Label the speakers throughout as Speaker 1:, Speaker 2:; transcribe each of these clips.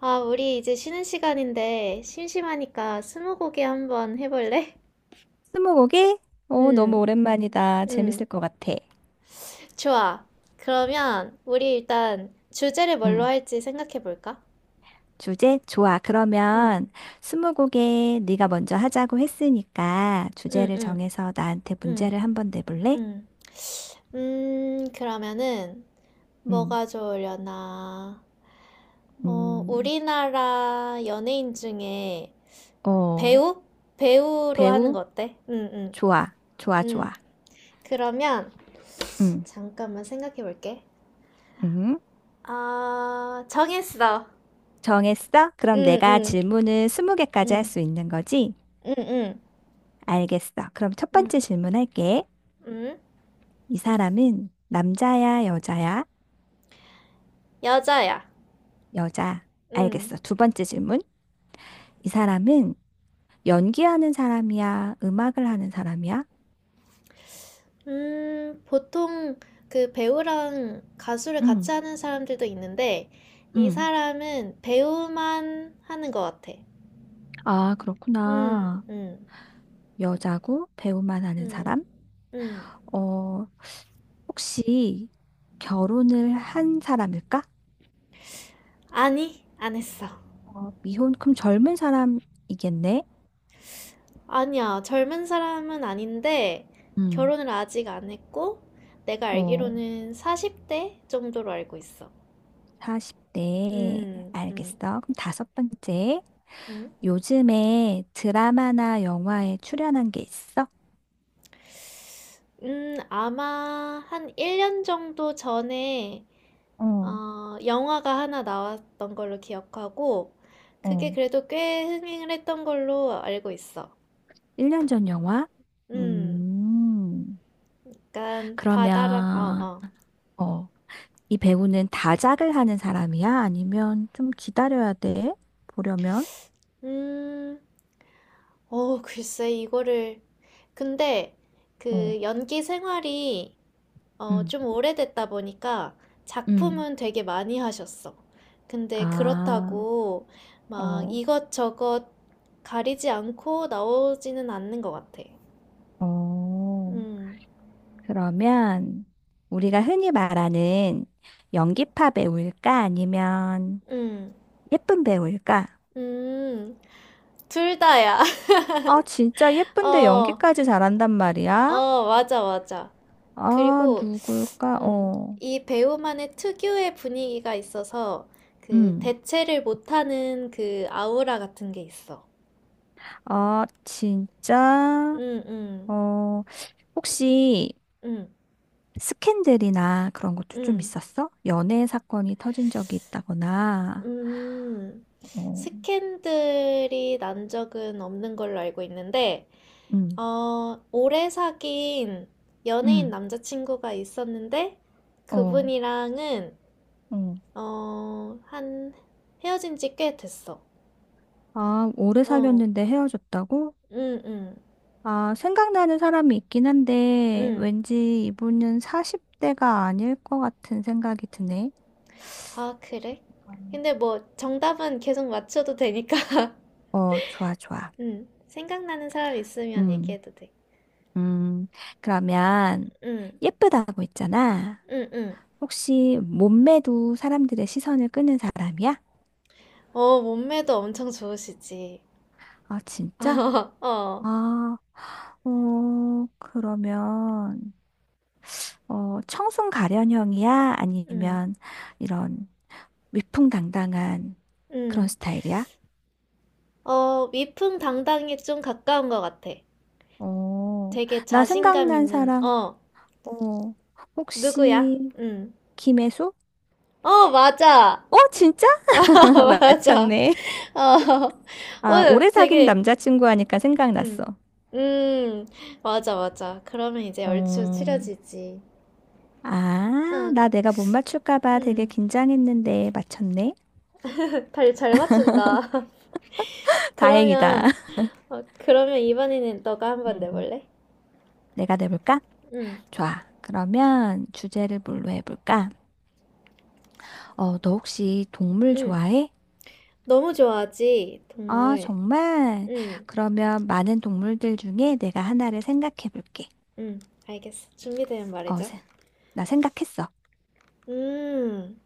Speaker 1: 아, 우리 이제 쉬는 시간인데 심심하니까 스무고개 한번 해볼래?
Speaker 2: 스무고개? 오, 너무
Speaker 1: 응,
Speaker 2: 오랜만이다.
Speaker 1: 응,
Speaker 2: 재밌을 것 같아.
Speaker 1: 좋아. 그러면 우리 일단 주제를 뭘로
Speaker 2: 음
Speaker 1: 할지 생각해볼까?
Speaker 2: 주제? 좋아.
Speaker 1: 응,
Speaker 2: 그러면 스무고개 네가 먼저 하자고 했으니까
Speaker 1: 응,
Speaker 2: 주제를
Speaker 1: 응,
Speaker 2: 정해서 나한테
Speaker 1: 응,
Speaker 2: 문제를 한번 내볼래?
Speaker 1: 응. 그러면은
Speaker 2: 음,
Speaker 1: 뭐가 좋으려나? 어,
Speaker 2: 음,
Speaker 1: 우리나라 연예인 중에
Speaker 2: 어,
Speaker 1: 배우? 배우로 하는
Speaker 2: 배우?
Speaker 1: 거 어때? 응, 응,
Speaker 2: 좋아. 좋아,
Speaker 1: 응.
Speaker 2: 좋아.
Speaker 1: 그러면
Speaker 2: 음,
Speaker 1: 잠깐만 생각해볼게.
Speaker 2: 음.
Speaker 1: 아, 정했어.
Speaker 2: 정했어? 그럼
Speaker 1: 응,
Speaker 2: 내가
Speaker 1: 응,
Speaker 2: 질문을 스무 개까지 할
Speaker 1: 응,
Speaker 2: 수 있는 거지?
Speaker 1: 응, 응,
Speaker 2: 알겠어. 그럼 첫
Speaker 1: 응,
Speaker 2: 번째 질문할게.
Speaker 1: 응,
Speaker 2: 이 사람은 남자야, 여자야?
Speaker 1: 여자야.
Speaker 2: 여자.
Speaker 1: 응.
Speaker 2: 알겠어. 두 번째 질문. 이 사람은 연기하는 사람이야, 음악을 하는 사람이야?
Speaker 1: 보통 그 배우랑 가수를 같이
Speaker 2: 응,
Speaker 1: 하는 사람들도 있는데, 이
Speaker 2: 응.
Speaker 1: 사람은 배우만 하는 것 같아.
Speaker 2: 아,
Speaker 1: 응,
Speaker 2: 그렇구나.
Speaker 1: 응,
Speaker 2: 여자고 배우만 하는
Speaker 1: 응,
Speaker 2: 사람?
Speaker 1: 응.
Speaker 2: 어, 혹시 결혼을 한 사람일까?
Speaker 1: 아니, 안 했어.
Speaker 2: 어, 미혼, 그럼 젊은 사람이겠네?
Speaker 1: 아니야, 젊은 사람은 아닌데,
Speaker 2: 응.
Speaker 1: 결혼을 아직 안 했고, 내가
Speaker 2: 어,
Speaker 1: 알기로는 40대 정도로 알고 있어.
Speaker 2: 40대.
Speaker 1: 음, 음,
Speaker 2: 알겠어. 그럼 다섯 번째.
Speaker 1: 음.
Speaker 2: 요즘에 드라마나 영화에 출연한 게 있어?
Speaker 1: 아마 한 1년 정도 전에
Speaker 2: 어,
Speaker 1: 영화가 하나 나왔던 걸로 기억하고 그게
Speaker 2: 어.
Speaker 1: 그래도 꽤 흥행을 했던 걸로 알고 있어.
Speaker 2: 1년 전 영화?
Speaker 1: 음,
Speaker 2: 음.
Speaker 1: 약간 바다랑 어,
Speaker 2: 그러면,
Speaker 1: 어.
Speaker 2: 어, 이 배우는 다작을 하는 사람이야? 아니면 좀 기다려야 돼? 보려면?
Speaker 1: 음, 글쎄 이거를 근데
Speaker 2: 어,
Speaker 1: 그 연기 생활이
Speaker 2: 응,
Speaker 1: 좀 오래됐다 보니까
Speaker 2: 음.
Speaker 1: 작품은 되게 많이 하셨어. 근데
Speaker 2: 아,
Speaker 1: 그렇다고 막
Speaker 2: 어,
Speaker 1: 이것저것 가리지 않고 나오지는 않는 것 같아.
Speaker 2: 어.
Speaker 1: 음,
Speaker 2: 그러면 우리가 흔히 말하는 연기파 배우일까? 아니면
Speaker 1: 음,
Speaker 2: 예쁜 배우일까?
Speaker 1: 음, 둘 다야.
Speaker 2: 아, 진짜 예쁜데
Speaker 1: 어,
Speaker 2: 연기까지 잘한단 말이야?
Speaker 1: 맞아, 맞아.
Speaker 2: 아,
Speaker 1: 그리고,
Speaker 2: 누굴까?
Speaker 1: 음,
Speaker 2: 어.
Speaker 1: 이 배우만의 특유의 분위기가 있어서 그
Speaker 2: 음.
Speaker 1: 대체를 못하는 그 아우라 같은 게 있어.
Speaker 2: 아, 진짜
Speaker 1: 음, 음,
Speaker 2: 어, 혹시
Speaker 1: 음,
Speaker 2: 스캔들이나 그런 것도 좀
Speaker 1: 음.
Speaker 2: 있었어? 연애 사건이 터진 적이 있다거나,
Speaker 1: 음,
Speaker 2: 어,
Speaker 1: 스캔들이 난 적은 없는 걸로 알고 있는데,
Speaker 2: 응,
Speaker 1: 오래 사귄 연예인
Speaker 2: 응,
Speaker 1: 남자친구가 있었는데,
Speaker 2: 어,
Speaker 1: 그분이랑은,
Speaker 2: 어.
Speaker 1: 어, 한, 헤어진 지 꽤 됐어.
Speaker 2: 아, 오래
Speaker 1: 어,
Speaker 2: 사귀었는데 헤어졌다고?
Speaker 1: 응, 응,
Speaker 2: 아, 생각나는 사람이 있긴 한데,
Speaker 1: 응.
Speaker 2: 왠지 이분은 40대가 아닐 것 같은 생각이 드네.
Speaker 1: 아, 그래? 근데 뭐, 정답은 계속 맞춰도 되니까.
Speaker 2: 어, 좋아, 좋아.
Speaker 1: 응, 생각나는 사람 있으면
Speaker 2: 음,
Speaker 1: 얘기해도 돼.
Speaker 2: 음. 그러면,
Speaker 1: 응,
Speaker 2: 예쁘다고 했잖아.
Speaker 1: 응, 응.
Speaker 2: 혹시 몸매도 사람들의 시선을 끄는 사람이야?
Speaker 1: 어, 몸매도 엄청 좋으시지.
Speaker 2: 아, 진짜?
Speaker 1: 어.
Speaker 2: 아, 그러면, 청순 가련형이야?
Speaker 1: 음,
Speaker 2: 아니면 이런 위풍당당한 그런
Speaker 1: 음.
Speaker 2: 스타일이야?
Speaker 1: 어, 위풍당당에 좀 가까운 것 같아.
Speaker 2: 어,
Speaker 1: 되게
Speaker 2: 나
Speaker 1: 자신감
Speaker 2: 생각난
Speaker 1: 있는,
Speaker 2: 사람, 어,
Speaker 1: 누구야?
Speaker 2: 혹시
Speaker 1: 음.
Speaker 2: 김혜수?
Speaker 1: 어, 맞아.
Speaker 2: 어, 진짜?
Speaker 1: 어, 맞아.
Speaker 2: 맞췄네.
Speaker 1: 어, 어,
Speaker 2: 아, 오래 사귄
Speaker 1: 되게,
Speaker 2: 남자친구 하니까 생각났어.
Speaker 1: 음, 음, 맞아, 맞아. 그러면 이제 얼추
Speaker 2: 음.
Speaker 1: 추려지지.
Speaker 2: 아,
Speaker 1: 어,
Speaker 2: 나 내가 못 맞출까 봐 되게
Speaker 1: 음.
Speaker 2: 긴장했는데 맞췄네.
Speaker 1: 잘 맞춘다. 그러면,
Speaker 2: 다행이다.
Speaker 1: 그러면 이번에는 너가 한번
Speaker 2: 음.
Speaker 1: 내볼래?
Speaker 2: 내가 내볼까?
Speaker 1: 응
Speaker 2: 좋아. 그러면 주제를 뭘로 해볼까? 너 혹시 동물
Speaker 1: 응
Speaker 2: 좋아해?
Speaker 1: 너무 좋아하지,
Speaker 2: 아,
Speaker 1: 동물.
Speaker 2: 정말?
Speaker 1: 응
Speaker 2: 그러면 많은 동물들 중에 내가 하나를 생각해볼게.
Speaker 1: 음, 알겠어. 준비되면
Speaker 2: 어,
Speaker 1: 말이죠.
Speaker 2: 세- 나 생각했어.
Speaker 1: 음,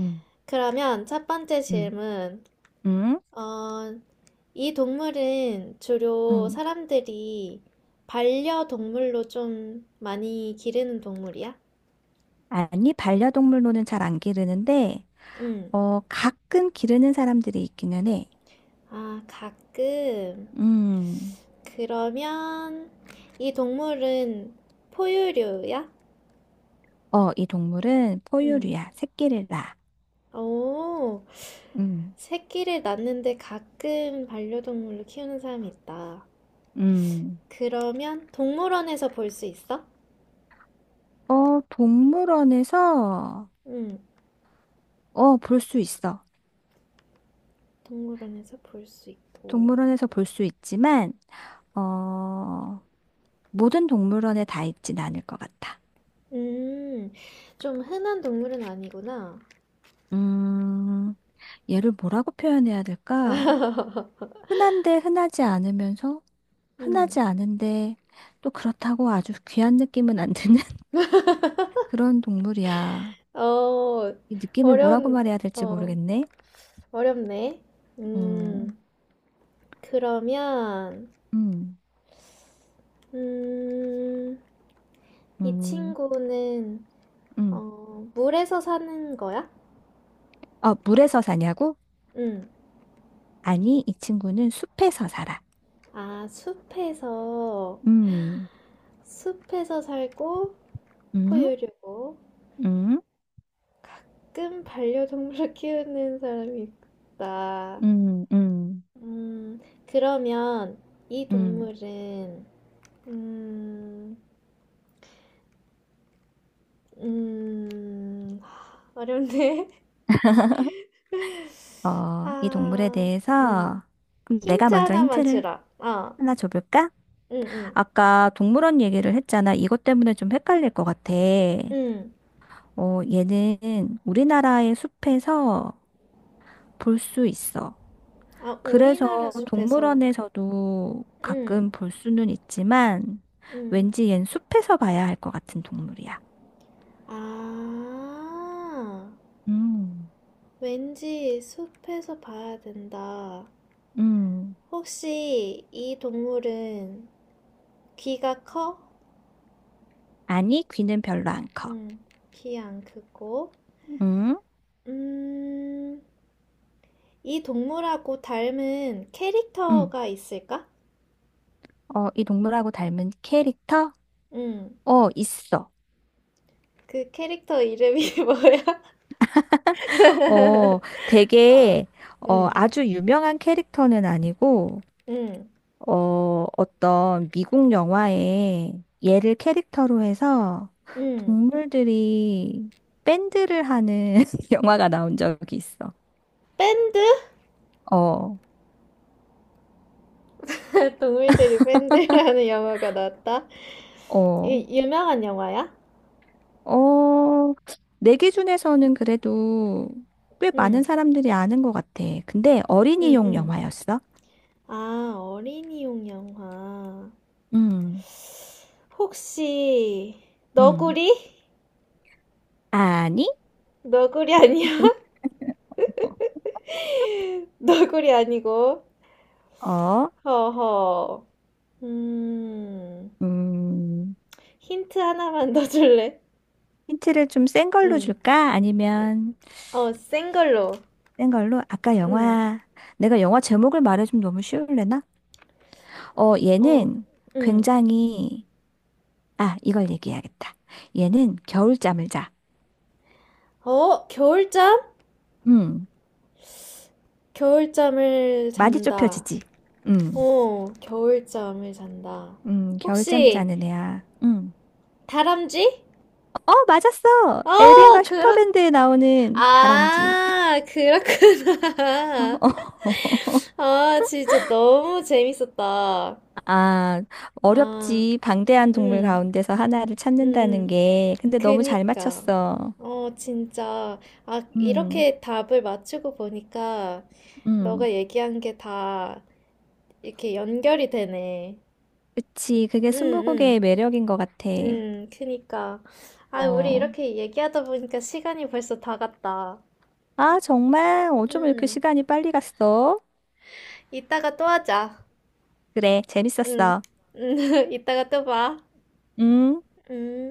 Speaker 2: 응,
Speaker 1: 그러면 첫 번째
Speaker 2: 응,
Speaker 1: 질문.
Speaker 2: 응,
Speaker 1: 어, 이 동물은 주로
Speaker 2: 응.
Speaker 1: 사람들이 반려동물로 좀 많이 기르는 동물이야?
Speaker 2: 아니, 반려동물로는 잘 안 기르는데,
Speaker 1: 음,
Speaker 2: 가끔 기르는 사람들이 있기는 해.
Speaker 1: 가끔.
Speaker 2: 음,
Speaker 1: 그러면 이 동물은 포유류야?
Speaker 2: 이 동물은
Speaker 1: 음,
Speaker 2: 포유류야. 새끼를 낳아.
Speaker 1: 오,
Speaker 2: 음,
Speaker 1: 새끼를 낳는데 가끔 반려동물로 키우는 사람이 있다.
Speaker 2: 음.
Speaker 1: 그러면 동물원에서 볼 수 있어?
Speaker 2: 동물원에서
Speaker 1: 응,
Speaker 2: 볼 수 있어.
Speaker 1: 동물원에서 볼 수 있고.
Speaker 2: 동물원에서 볼 수 있지만, 어, 모든 동물원에 다 있진 않을 것 같아.
Speaker 1: 음, 좀 흔한 동물은 아니구나.
Speaker 2: 음, 얘를 뭐라고 표현해야 될까? 흔한데 흔하지 않으면서,
Speaker 1: 음,
Speaker 2: 흔하지 않은데, 또 그렇다고 아주 귀한 느낌은 안 드는 그런 동물이야.
Speaker 1: 어,
Speaker 2: 이 느낌을 뭐라고
Speaker 1: 어려운,
Speaker 2: 말해야 될지
Speaker 1: 어,
Speaker 2: 모르겠네.
Speaker 1: 어렵네.
Speaker 2: 음,
Speaker 1: 음, 그러면,
Speaker 2: 음,
Speaker 1: 음, 이
Speaker 2: 음,
Speaker 1: 친구는,
Speaker 2: 음.
Speaker 1: 물에서 사는 거야?
Speaker 2: 물에서 사냐고?
Speaker 1: 응.
Speaker 2: 아니, 이 친구는 숲에서 살아.
Speaker 1: 아, 숲에서,
Speaker 2: 음,
Speaker 1: 숲에서 살고,
Speaker 2: 음.
Speaker 1: 포유류고.
Speaker 2: 음?
Speaker 1: 가끔 반려동물을 키우는 사람이 있다.
Speaker 2: 음, 음,
Speaker 1: 음, 그러면 이
Speaker 2: 음.
Speaker 1: 동물은, 음, 음, 어렵네.
Speaker 2: 이 동물에
Speaker 1: 아, 음.
Speaker 2: 대해서 그럼 내가
Speaker 1: 힌트
Speaker 2: 먼저
Speaker 1: 하나만
Speaker 2: 힌트를
Speaker 1: 주라. 아,
Speaker 2: 하나 줘볼까?
Speaker 1: 응, 응,
Speaker 2: 아까 동물원 얘기를 했잖아. 이것 때문에 좀 헷갈릴 것 같아.
Speaker 1: 응.
Speaker 2: 얘는 우리나라의 숲에서 볼 수 있어.
Speaker 1: 아, 우리나라
Speaker 2: 그래서
Speaker 1: 숲에서,
Speaker 2: 동물원에서도
Speaker 1: 응,
Speaker 2: 가끔 볼 수는 있지만
Speaker 1: 응.
Speaker 2: 왠지 얜 숲에서 봐야 할 것 같은 동물이야.
Speaker 1: 아,
Speaker 2: 음,
Speaker 1: 왠지 숲에서 봐야 된다.
Speaker 2: 음.
Speaker 1: 혹시 이 동물은 귀가 커?
Speaker 2: 아니, 귀는 별로 안 커.
Speaker 1: 음, 귀 안 크고.
Speaker 2: 응?
Speaker 1: 음, 이 동물하고 닮은 캐릭터가 있을까?
Speaker 2: 어, 이 동물하고 닮은 캐릭터?
Speaker 1: 음,
Speaker 2: 어, 있어.
Speaker 1: 그 캐릭터 이름이 뭐야?
Speaker 2: 어,
Speaker 1: 어,
Speaker 2: 되게,
Speaker 1: 음,
Speaker 2: 아주 유명한 캐릭터는 아니고,
Speaker 1: 음,
Speaker 2: 어떤 미국 영화에 얘를 캐릭터로 해서
Speaker 1: 음.
Speaker 2: 동물들이 밴드를 하는 영화가 나온 적이 있어.
Speaker 1: 밴드?
Speaker 2: 어,
Speaker 1: 동물들이 밴드라는 영화가 나왔다.
Speaker 2: 어,
Speaker 1: 이 유명한 영화야?
Speaker 2: 어, 내 기준에서는 그래도 꽤 많은
Speaker 1: 음,
Speaker 2: 사람들이 아는 것 같아. 근데
Speaker 1: 음,
Speaker 2: 어린이용
Speaker 1: 음.
Speaker 2: 영화였어?
Speaker 1: 아, 어린이용 영화.
Speaker 2: 음,
Speaker 1: 혹시
Speaker 2: 음.
Speaker 1: 너구리?
Speaker 2: 아니?
Speaker 1: 너구리 아니야? 너구리 아니고.
Speaker 2: 어,
Speaker 1: 허허. 음,
Speaker 2: 음,
Speaker 1: 힌트 하나만 더 줄래?
Speaker 2: 힌트를 좀 센 걸로
Speaker 1: 응.
Speaker 2: 줄까? 아니면
Speaker 1: 센 걸로.
Speaker 2: 센 걸로? 아까
Speaker 1: 응.
Speaker 2: 영화, 내가 영화 제목을 말해주면 너무 쉬울래나?
Speaker 1: 어,
Speaker 2: 얘는
Speaker 1: 응.
Speaker 2: 굉장히, 아, 이걸 얘기해야겠다. 얘는 겨울잠을 자.
Speaker 1: 어, 겨울잠?
Speaker 2: 음,
Speaker 1: 겨울잠을
Speaker 2: 많이
Speaker 1: 잔다.
Speaker 2: 좁혀지지. 음,
Speaker 1: 어, 겨울잠을 잔다.
Speaker 2: 겨울잠
Speaker 1: 혹시
Speaker 2: 자는 애야. 음.
Speaker 1: 다람쥐?
Speaker 2: 어, 맞았어!
Speaker 1: 어,
Speaker 2: 엘빈과 슈퍼밴드에 나오는 다람쥐.
Speaker 1: 아, 그렇구나.
Speaker 2: 어, 어. 어.
Speaker 1: 아, 진짜 너무 재밌었다.
Speaker 2: 아,
Speaker 1: 아,
Speaker 2: 어렵지. 방대한 동물
Speaker 1: 응,
Speaker 2: 가운데서 하나를 찾는다는
Speaker 1: 응.
Speaker 2: 게. 근데 너무 잘
Speaker 1: 그니까.
Speaker 2: 맞췄어.
Speaker 1: 어, 진짜. 아,
Speaker 2: 음,
Speaker 1: 이렇게 답을 맞추고 보니까
Speaker 2: 음.
Speaker 1: 너가 얘기한 게 다 이렇게 연결이 되네.
Speaker 2: 그치. 그게
Speaker 1: 응,
Speaker 2: 스무고개의
Speaker 1: 응,
Speaker 2: 매력인 것 같아.
Speaker 1: 응, 그니까. 아, 우리
Speaker 2: 어.
Speaker 1: 이렇게 얘기하다 보니까 시간이 벌써 다 갔다.
Speaker 2: 아, 정말 어쩜 이렇게
Speaker 1: 응,
Speaker 2: 시간이 빨리 갔어?
Speaker 1: 이따가 또 하자.
Speaker 2: 그래,
Speaker 1: 응,
Speaker 2: 재밌었어.
Speaker 1: 응, 이따가 또 봐.
Speaker 2: 응?
Speaker 1: 응.